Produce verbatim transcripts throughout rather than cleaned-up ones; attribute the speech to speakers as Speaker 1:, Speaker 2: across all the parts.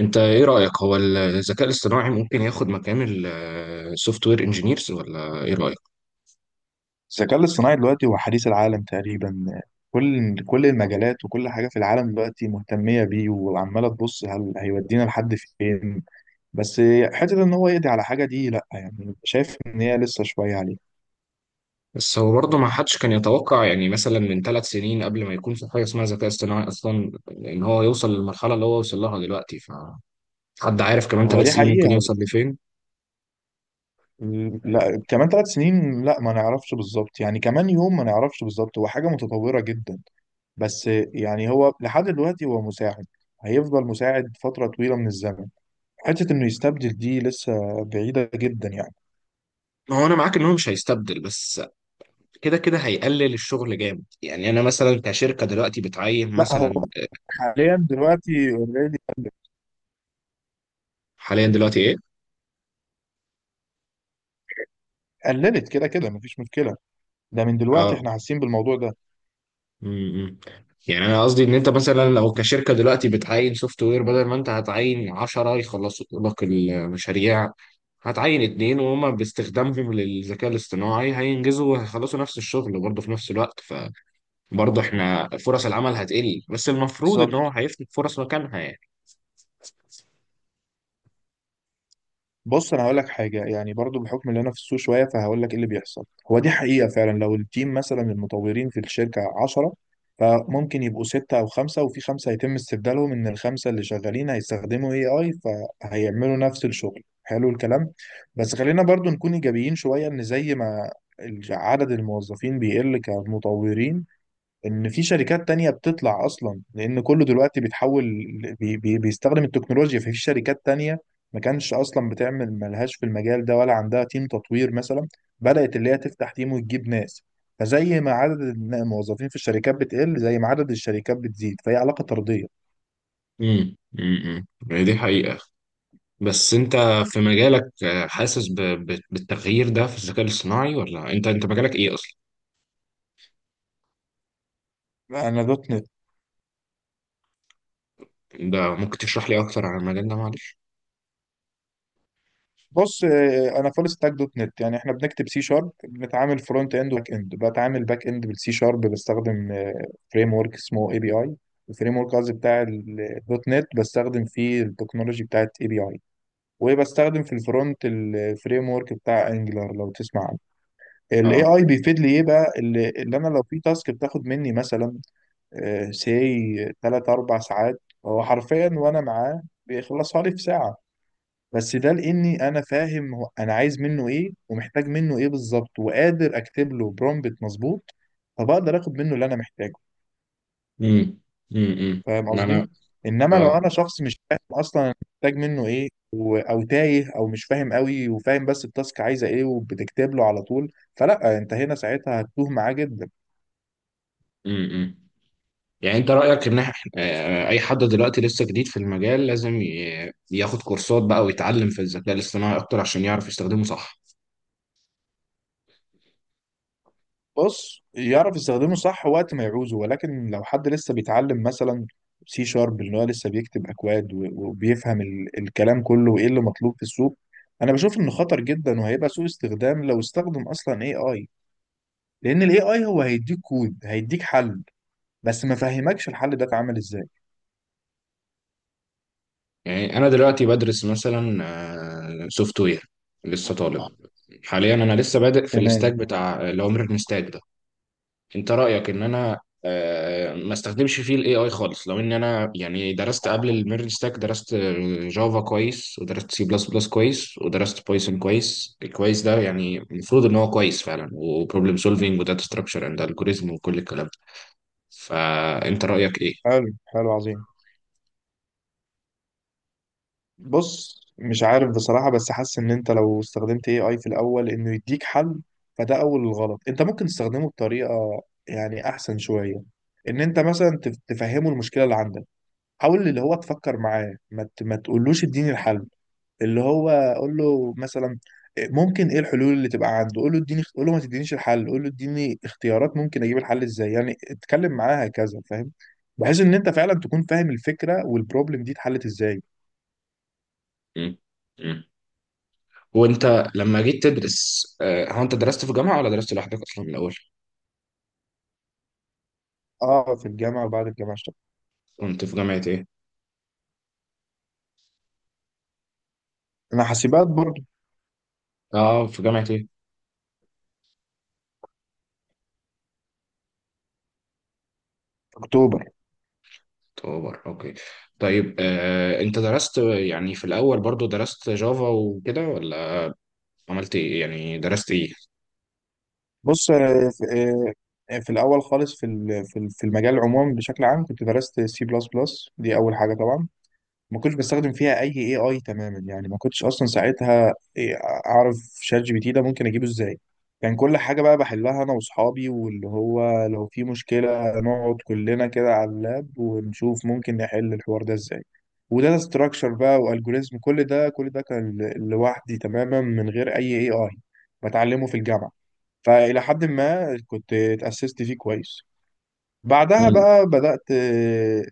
Speaker 1: انت ايه رأيك؟ هو الذكاء الاصطناعي ممكن ياخد مكان السوفت وير انجينيرز ولا ايه رأيك؟
Speaker 2: الذكاء الاصطناعي دلوقتي هو حديث العالم تقريبا. كل كل المجالات وكل حاجة في العالم دلوقتي مهتمية بيه، وعمالة تبص هل هيودينا لحد فين. بس حتة ان هو يقضي على حاجة دي لا، يعني شايف ان هي لسه شوية عليه.
Speaker 1: بس هو برضه ما حدش كان يتوقع، يعني مثلا من ثلاث سنين قبل ما يكون في حاجة اسمها ذكاء اصطناعي اصلا، ان هو يوصل للمرحلة اللي هو وصل لها دلوقتي. ف حد عارف كمان
Speaker 2: هو
Speaker 1: ثلاث
Speaker 2: دي
Speaker 1: سنين ممكن
Speaker 2: حقيقة.
Speaker 1: يوصل لفين؟
Speaker 2: لا، كمان ثلاث سنين لا، ما نعرفش بالظبط، يعني كمان يوم ما نعرفش بالظبط، هو حاجة متطورة جدا. بس يعني هو لحد دلوقتي هو مساعد، هيفضل مساعد فترة طويلة من الزمن. حتة انه يستبدل دي لسه بعيدة جدا يعني.
Speaker 1: ما هو انا معاك ان هو مش هيستبدل، بس كده كده هيقلل الشغل جامد. يعني انا مثلا كشركة دلوقتي بتعين
Speaker 2: لا،
Speaker 1: مثلا،
Speaker 2: حاليا دلوقتي اوريدي
Speaker 1: حاليا دلوقتي ايه؟
Speaker 2: قللت، كده كده مفيش مشكله، ده من دلوقتي
Speaker 1: آه.
Speaker 2: احنا حاسين بالموضوع ده.
Speaker 1: امم يعني انا قصدي ان انت مثلا لو كشركه دلوقتي بتعين سوفت وير، بدل ما انت هتعين عشرة يخلصوا لك المشاريع، هتعين اتنين وهما باستخدامهم للذكاء الاصطناعي هينجزوا وهيخلصوا نفس الشغل برضه في نفس الوقت. فبرضه احنا فرص العمل هتقل، بس المفروض ان
Speaker 2: بالظبط.
Speaker 1: هو هيفتح فرص مكانها يعني.
Speaker 2: بص انا هقول لك حاجه، يعني برضو بحكم اللي انا في السوق شويه، فهقول لك ايه اللي بيحصل. هو دي حقيقه فعلا، لو التيم مثلا المطورين في الشركه عشرة، فممكن يبقوا ستة أو خمسة، وفي خمسة هيتم استبدالهم، إن الخمسة اللي شغالين هيستخدموا إيه آي، فهيعملوا نفس الشغل. حلو الكلام، بس خلينا برضو نكون إيجابيين شوية، إن زي ما عدد الموظفين بيقل كمطورين، ان في شركات تانية بتطلع اصلا، لان كله دلوقتي بيتحول، بي بي بيستخدم التكنولوجيا. ففي شركات تانية ما كانش اصلا بتعمل، ملهاش في المجال ده ولا عندها تيم تطوير مثلا، بدأت اللي هي تفتح تيم وتجيب ناس. فزي ما عدد الن- الموظفين في الشركات بتقل، زي ما عدد الشركات بتزيد، فهي علاقة طردية.
Speaker 1: امم امم دي حقيقة. بس انت في مجالك، آه، حاسس ب- ب- بالتغيير ده في الذكاء الاصطناعي، ولا انت انت مجالك ايه اصلا؟
Speaker 2: انا ده.
Speaker 1: ده ممكن تشرح لي اكتر عن المجال ده معلش؟
Speaker 2: بص، آه، انا فول ستاك دوت نت. يعني احنا بنكتب سي شارب، بنتعامل فرونت اند وباك اند، بتعامل باك اند بالسي شارب، بستخدم فريم ورك اسمه اي بي اي. الفريم ورك قصدي بتاع الدوت نت، بستخدم فيه التكنولوجي بتاعت اي بي اي. وبستخدم في الفرونت الفريم ورك بتاع انجلر لو تسمع عنه. الاي اي بيفيد لي ايه بقى؟ اللي, اللي انا لو في تاسك بتاخد مني مثلا سي ثلاث أربع ساعات، هو حرفيا وانا معاه بيخلصها لي في ساعة. بس ده لاني انا فاهم هو انا عايز منه ايه، ومحتاج منه ايه بالظبط، وقادر اكتب له برومبت مظبوط، فبقدر اخد منه اللي انا محتاجه.
Speaker 1: امم امم
Speaker 2: فاهم
Speaker 1: ما انا.
Speaker 2: قصدي؟ انما لو
Speaker 1: اه.
Speaker 2: انا شخص مش فاهم اصلا أنا محتاج منه ايه، و- او تايه، او مش فاهم قوي، وفاهم بس التاسك عايزه ايه، وبتكتب له على طول، فلا، انت هنا ساعتها هتتوه معاه جدا.
Speaker 1: امم امم. يعني انت رايك ان إح- آه، اي حد دلوقتي لسه جديد في المجال لازم ي- ياخد كورسات بقى ويتعلم في الذكاء الاصطناعي اكتر عشان يعرف يستخدمه صح؟
Speaker 2: بص، يعرف يستخدمه صح وقت ما يعوزه، ولكن لو حد لسه بيتعلم مثلا سي شارب، اللي هو لسه بيكتب اكواد، و- وبيفهم ال- الكلام كله، وايه اللي مطلوب في السوق، انا بشوف انه خطر جدا، وهيبقى سوء استخدام لو استخدم اصلا اي اي. لان الاي اي هو هيديك كود، هيديك حل، بس ما فهمكش الحل ده اتعمل ازاي.
Speaker 1: يعني انا دلوقتي بدرس مثلا سوفت وير، لسه طالب. حاليا انا لسه بادئ في الاستاك
Speaker 2: تمام.
Speaker 1: بتاع اللي هو ميرن ستاك ده. انت رأيك ان انا، آه، ما استخدمش فيه الاي اي خالص، لو ان انا يعني درست قبل الميرج ستاك، درست جافا كويس، ودرست سي بلس بلس كويس، ودرست بايثون كويس، الكويس ده يعني المفروض ان هو كويس فعلا، وبروبلم سولفينج وداتا ستراكشر اند الجوريزم وكل الكلام ده، فانت رأيك ايه؟
Speaker 2: حلو حلو، عظيم. بص مش عارف بصراحة، بس حاسس ان انت لو استخدمت إيه آي في الاول انه يديك حل، فده اول الغلط. انت ممكن تستخدمه بطريقة يعني احسن شوية، ان انت مثلا تف- تفهمه المشكلة اللي عندك، حاول اللي هو تفكر معاه، ما, ت... ما تقولوش اديني الحل. اللي هو قول له مثلا، ممكن ايه الحلول اللي تبقى عنده. قول له اديني، قول له ما تدينيش الحل، قول له اديني اختيارات، ممكن اجيب الحل ازاي. يعني اتكلم معاه هكذا، فاهم؟ بحيث ان انت فعلا تكون فاهم الفكرة والبروبلم دي اتحلت ازاي.
Speaker 1: مم. مم. وانت لما جيت تدرس، آه، هو انت درست في جامعة ولا درست لوحدك اصلا من الاول؟
Speaker 2: اه في الجامعه، وبعد الجامعه اشتغلت.
Speaker 1: كنت في جامعة ايه؟
Speaker 2: انا حاسبات برضه.
Speaker 1: اه في جامعة ايه؟
Speaker 2: في اكتوبر.
Speaker 1: اكتوبر، اوكي. طيب آه، انت درست يعني في الاول برضو درست جافا وكده، ولا عملت ايه، يعني درست ايه؟
Speaker 2: بص، آه، في, آه، في الاول خالص، في ال- في ال- في المجال عموما بشكل عام، كنت درست سي بلس بلس، دي اول حاجه طبعا. ما كنتش بستخدم فيها اي اي اي تماما، يعني ما كنتش اصلا ساعتها إيه، اعرف شات جي بي تي ده ممكن اجيبه ازاي. كان كل حاجه بقى بحلها انا واصحابي، واللي هو لو في مشكله نقعد كلنا كده على اللاب ونشوف ممكن نحل الحوار ده ازاي. وده ستراكشر بقى والجوريزم، كل ده كل ده كان ل- لوحدي تماما من غير اي اي اي، بتعلمه في الجامعه، فالى حد ما كنت اتاسست فيه كويس. بعدها
Speaker 1: مم.
Speaker 2: بقى بدأت آه،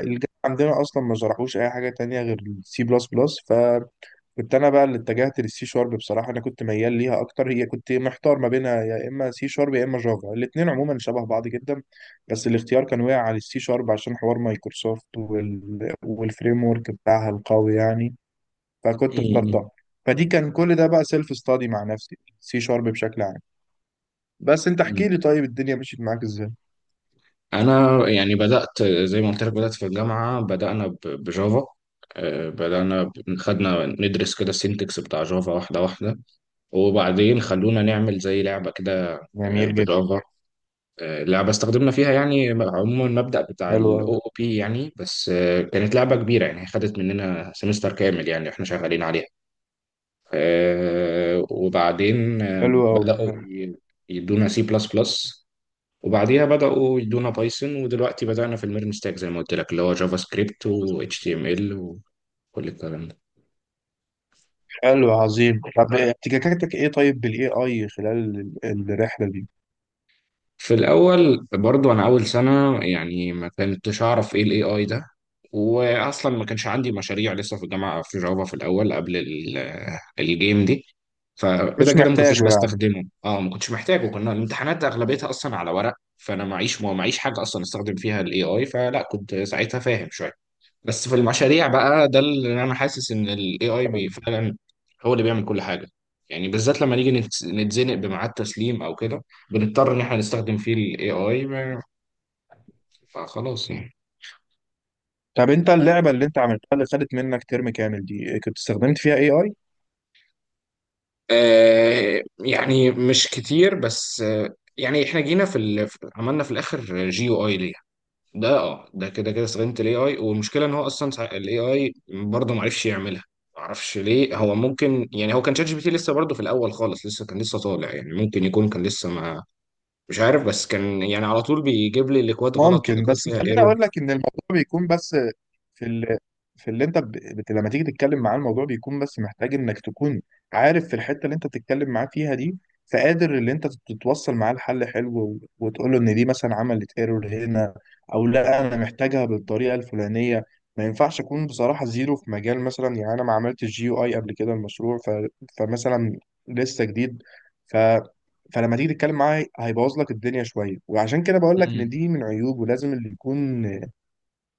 Speaker 2: الجامعة عندنا أصلا ما شرحوش أي حاجة تانية غير السي بلس بلس، فكنت أنا بقى اللي اتجهت للسي شارب. بصراحة أنا كنت ميال ليها أكتر، هي كنت محتار ما بينها، يا إما سي شارب يا إما جافا، الاتنين عموما شبه بعض جدا، بس الاختيار كان واقع على السي شارب عشان حوار مايكروسوفت وال... والفريم ورك بتاعها القوي يعني، فكنت اخترتها.
Speaker 1: مم.
Speaker 2: فدي كان كل ده بقى سيلف ستادي مع نفسي، سي شارب بشكل عام. بس أنت احكي
Speaker 1: مم.
Speaker 2: لي، طيب الدنيا مشيت معاك إزاي؟
Speaker 1: انا يعني بدات زي ما قلت لك، بدات في الجامعه، بدانا ب- بجافا. آه، بدانا ب- خدنا ندرس كده السينتكس بتاع جافا واحده واحده، وبعدين خلونا نعمل زي لعبه كده، آه،
Speaker 2: جميل جدا.
Speaker 1: بجافا. آه، لعبة استخدمنا فيها يعني عموما المبدأ بتاع ال
Speaker 2: حلو،
Speaker 1: أو أو بي يعني، بس آه، كانت لعبة كبيرة يعني، خدت مننا سمستر كامل يعني احنا شغالين عليها. آه، وبعدين آه،
Speaker 2: حلو أوي،
Speaker 1: بدأوا
Speaker 2: حلو.
Speaker 1: ي- يدونا سي بلس بلس، وبعديها بدأوا يدونا بايثون، ودلوقتي بدأنا في الميرن ستاك زي ما قلت لك، اللي هو جافا سكريبت و إتش تي إم إل وكل الكلام ده.
Speaker 2: حلو، عظيم. طب احتكاكاتك إيه طيب بالاي اي خلال ال- الرحلة دي؟
Speaker 1: في الاول برضو انا اول سنه يعني ما كنتش اعرف ايه الاي اي ده، واصلا ما كانش عندي مشاريع لسه في الجامعه في جافا في الاول قبل ال- الجيم دي، فكده
Speaker 2: مش
Speaker 1: كده ما كنتش
Speaker 2: محتاجه يعني.
Speaker 1: بستخدمه، اه ما كنتش محتاجه، كنا الامتحانات اغلبيتها اصلا على ورق، فانا معيش معيش حاجه اصلا استخدم فيها الاي اي، فلا كنت ساعتها فاهم شويه. بس في المشاريع بقى ده اللي انا حاسس ان الاي اي بي فعلا هو اللي بيعمل كل حاجه. يعني بالذات لما نيجي نتس- نتزنق بميعاد تسليم او كده، بنضطر ان احنا نستخدم فيه الاي اي، فخلاص يعني.
Speaker 2: طب أنت اللعبة اللي أنت عملتها، اللي خدت منك ترم كامل دي، كنت استخدمت فيها اي اي؟
Speaker 1: آه يعني مش كتير، بس آه، يعني احنا جينا في ال... عملنا في الاخر جي او اي، ده اه ده كده كده استخدمت الاي اي، والمشكله ان هو اصلا الاي اي برضه ما عرفش يعملها. ما اعرفش ليه، هو ممكن يعني هو كان شات جي بي تي لسه برضه في الاول خالص، لسه كان لسه طالع يعني، ممكن يكون كان لسه ما، مش عارف، بس كان يعني على طول بيجيب لي الاكواد غلط
Speaker 2: ممكن،
Speaker 1: والاكواد
Speaker 2: بس
Speaker 1: فيها
Speaker 2: خليني
Speaker 1: ايرور.
Speaker 2: اقول لك ان الموضوع بيكون بس في ال... في اللي انت ب... بت... لما تيجي تتكلم معاه، الموضوع بيكون بس محتاج انك تكون عارف في الحته اللي انت بتتكلم معاه فيها دي، فقادر اللي انت تتوصل معاه لحل حلو، و... وتقول له ان دي مثلا عملت ايرور هنا، او لا انا محتاجها بالطريقه الفلانيه. ما ينفعش اكون بصراحه زيرو في مجال مثلا، يعني انا ما عملتش جي يو اي قبل كده، المشروع ف... فمثلا لسه جديد، فلما تيجي تتكلم معاه هيبوظ لك الدنيا شويه. وعشان كده بقول لك
Speaker 1: مم.
Speaker 2: ان دي من عيوب، ولازم اللي يكون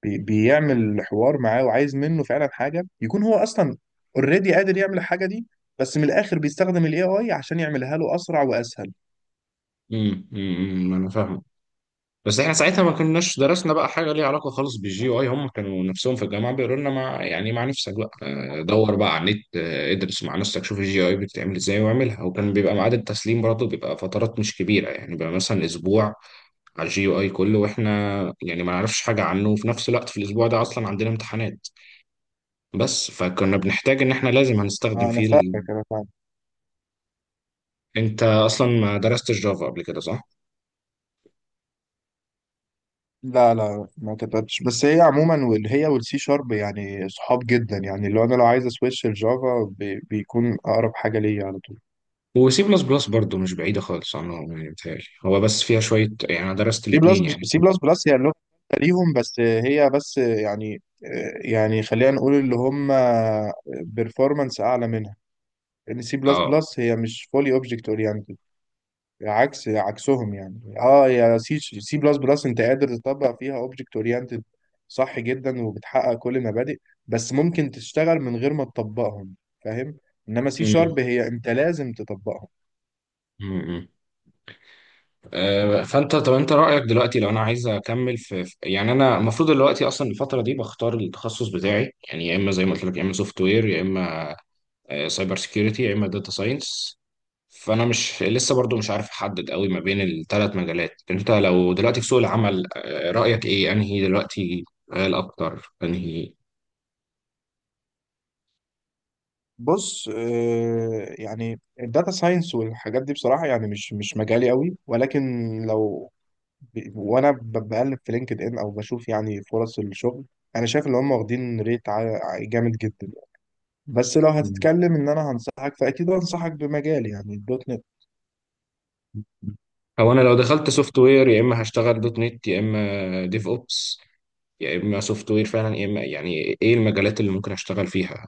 Speaker 2: بي- بيعمل حوار معاه وعايز منه فعلا حاجه، يكون هو اصلا اوريدي قادر يعمل الحاجه دي، بس من الاخر بيستخدم الاي اي عشان يعملها له اسرع واسهل.
Speaker 1: امم أمم، أمم، انا فاهمك. بس احنا ساعتها ما كناش درسنا بقى حاجه ليها علاقه خالص بالجي اي، هم كانوا نفسهم في الجامعه بيقولوا لنا مع يعني مع نفسك بقى، آه، دور بقى على النت، آه، ادرس مع نفسك، شوف الجي اي بتتعمل ازاي واعملها، وكان بيبقى ميعاد التسليم برضه بيبقى فترات مش كبيره، يعني بيبقى مثلا اسبوع على الجي اي كله، واحنا يعني ما نعرفش حاجه عنه، وفي نفس الوقت في الاسبوع ده اصلا عندنا امتحانات، بس فكنا بنحتاج ان احنا لازم هنستخدم
Speaker 2: آه، انا
Speaker 1: فيه ال...
Speaker 2: فاهمك، انا فاهم.
Speaker 1: انت اصلا ما درستش جافا قبل كده صح؟
Speaker 2: لا لا ما كتبتش، بس هي عموما وال- هي والسي شارب يعني صحاب جدا، يعني لو انا لو عايز اسويتش الجافا بي- بيكون اقرب حاجه ليا على طول.
Speaker 1: وسي بلس بلس برضه مش بعيدة خالص عنهم يعني، بتهيألي هو بس فيها شوية، يعني أنا درست
Speaker 2: سي بلس
Speaker 1: الاتنين يعني.
Speaker 2: سي بلس بلس هي اللغة الثالثة ليهم، بس هي بس يعني، يعني خلينا نقول اللي هم بيرفورمانس أعلى منها، لأن سي بلس
Speaker 1: اه.
Speaker 2: بلس هي مش فولي أوبجكت أورينتد، عكس عكسهم يعني. اه، يا سي سي بلس بلس أنت قادر تطبق فيها أوبجكت أورينتد صح جدا، وبتحقق كل المبادئ، بس ممكن تشتغل من غير ما تطبقهم، فاهم؟ إنما سي
Speaker 1: أمم،
Speaker 2: شارب هي أنت لازم تطبقهم.
Speaker 1: أمم. آه، فأنت طب أنت رأيك دلوقتي لو أنا عايز أكمل في في- يعني أنا المفروض دلوقتي أصلا الفترة دي بختار التخصص بتاعي، يعني يا إما زي ما قلت لك يا إما سوفت وير، يا إما سايبر سيكيورتي، يا إما داتا ساينس، فأنا مش لسه برضو مش عارف أحدد قوي ما بين الثلاث مجالات. أنت لو دلوقتي في سوق العمل، آه، رأيك إيه أنهي دلوقتي قال أكتر أنهي؟
Speaker 2: بص، آه، يعني الداتا ساينس والحاجات دي بصراحة يعني مش مش مجالي قوي، ولكن لو ب- وانا ب- بقلب في لينكد ان، او بشوف يعني فرص الشغل، انا شايف ان هم واخدين ريت عا- عا- جامد جدا. بس لو هتتكلم ان انا هنصحك، فاكيد هنصحك بمجالي يعني الدوت نت.
Speaker 1: او انا لو دخلت سوفت وير يا اما هشتغل دوت نت، يا اما ديف اوبس، يا اما سوفت وير فعلا، يا اما يعني ايه المجالات اللي ممكن اشتغل فيها؟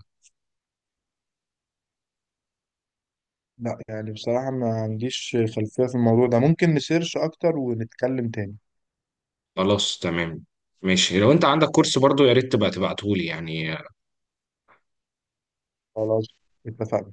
Speaker 2: لا يعني بصراحة ما عنديش خلفية في الموضوع ده، ممكن نسيرش اكتر ونتكلم تاني.
Speaker 1: خلاص تمام. ماشي، لو انت عندك كورس برضو يا ريت تبقى تبعته لي يعني.
Speaker 2: خلاص، اتفقنا.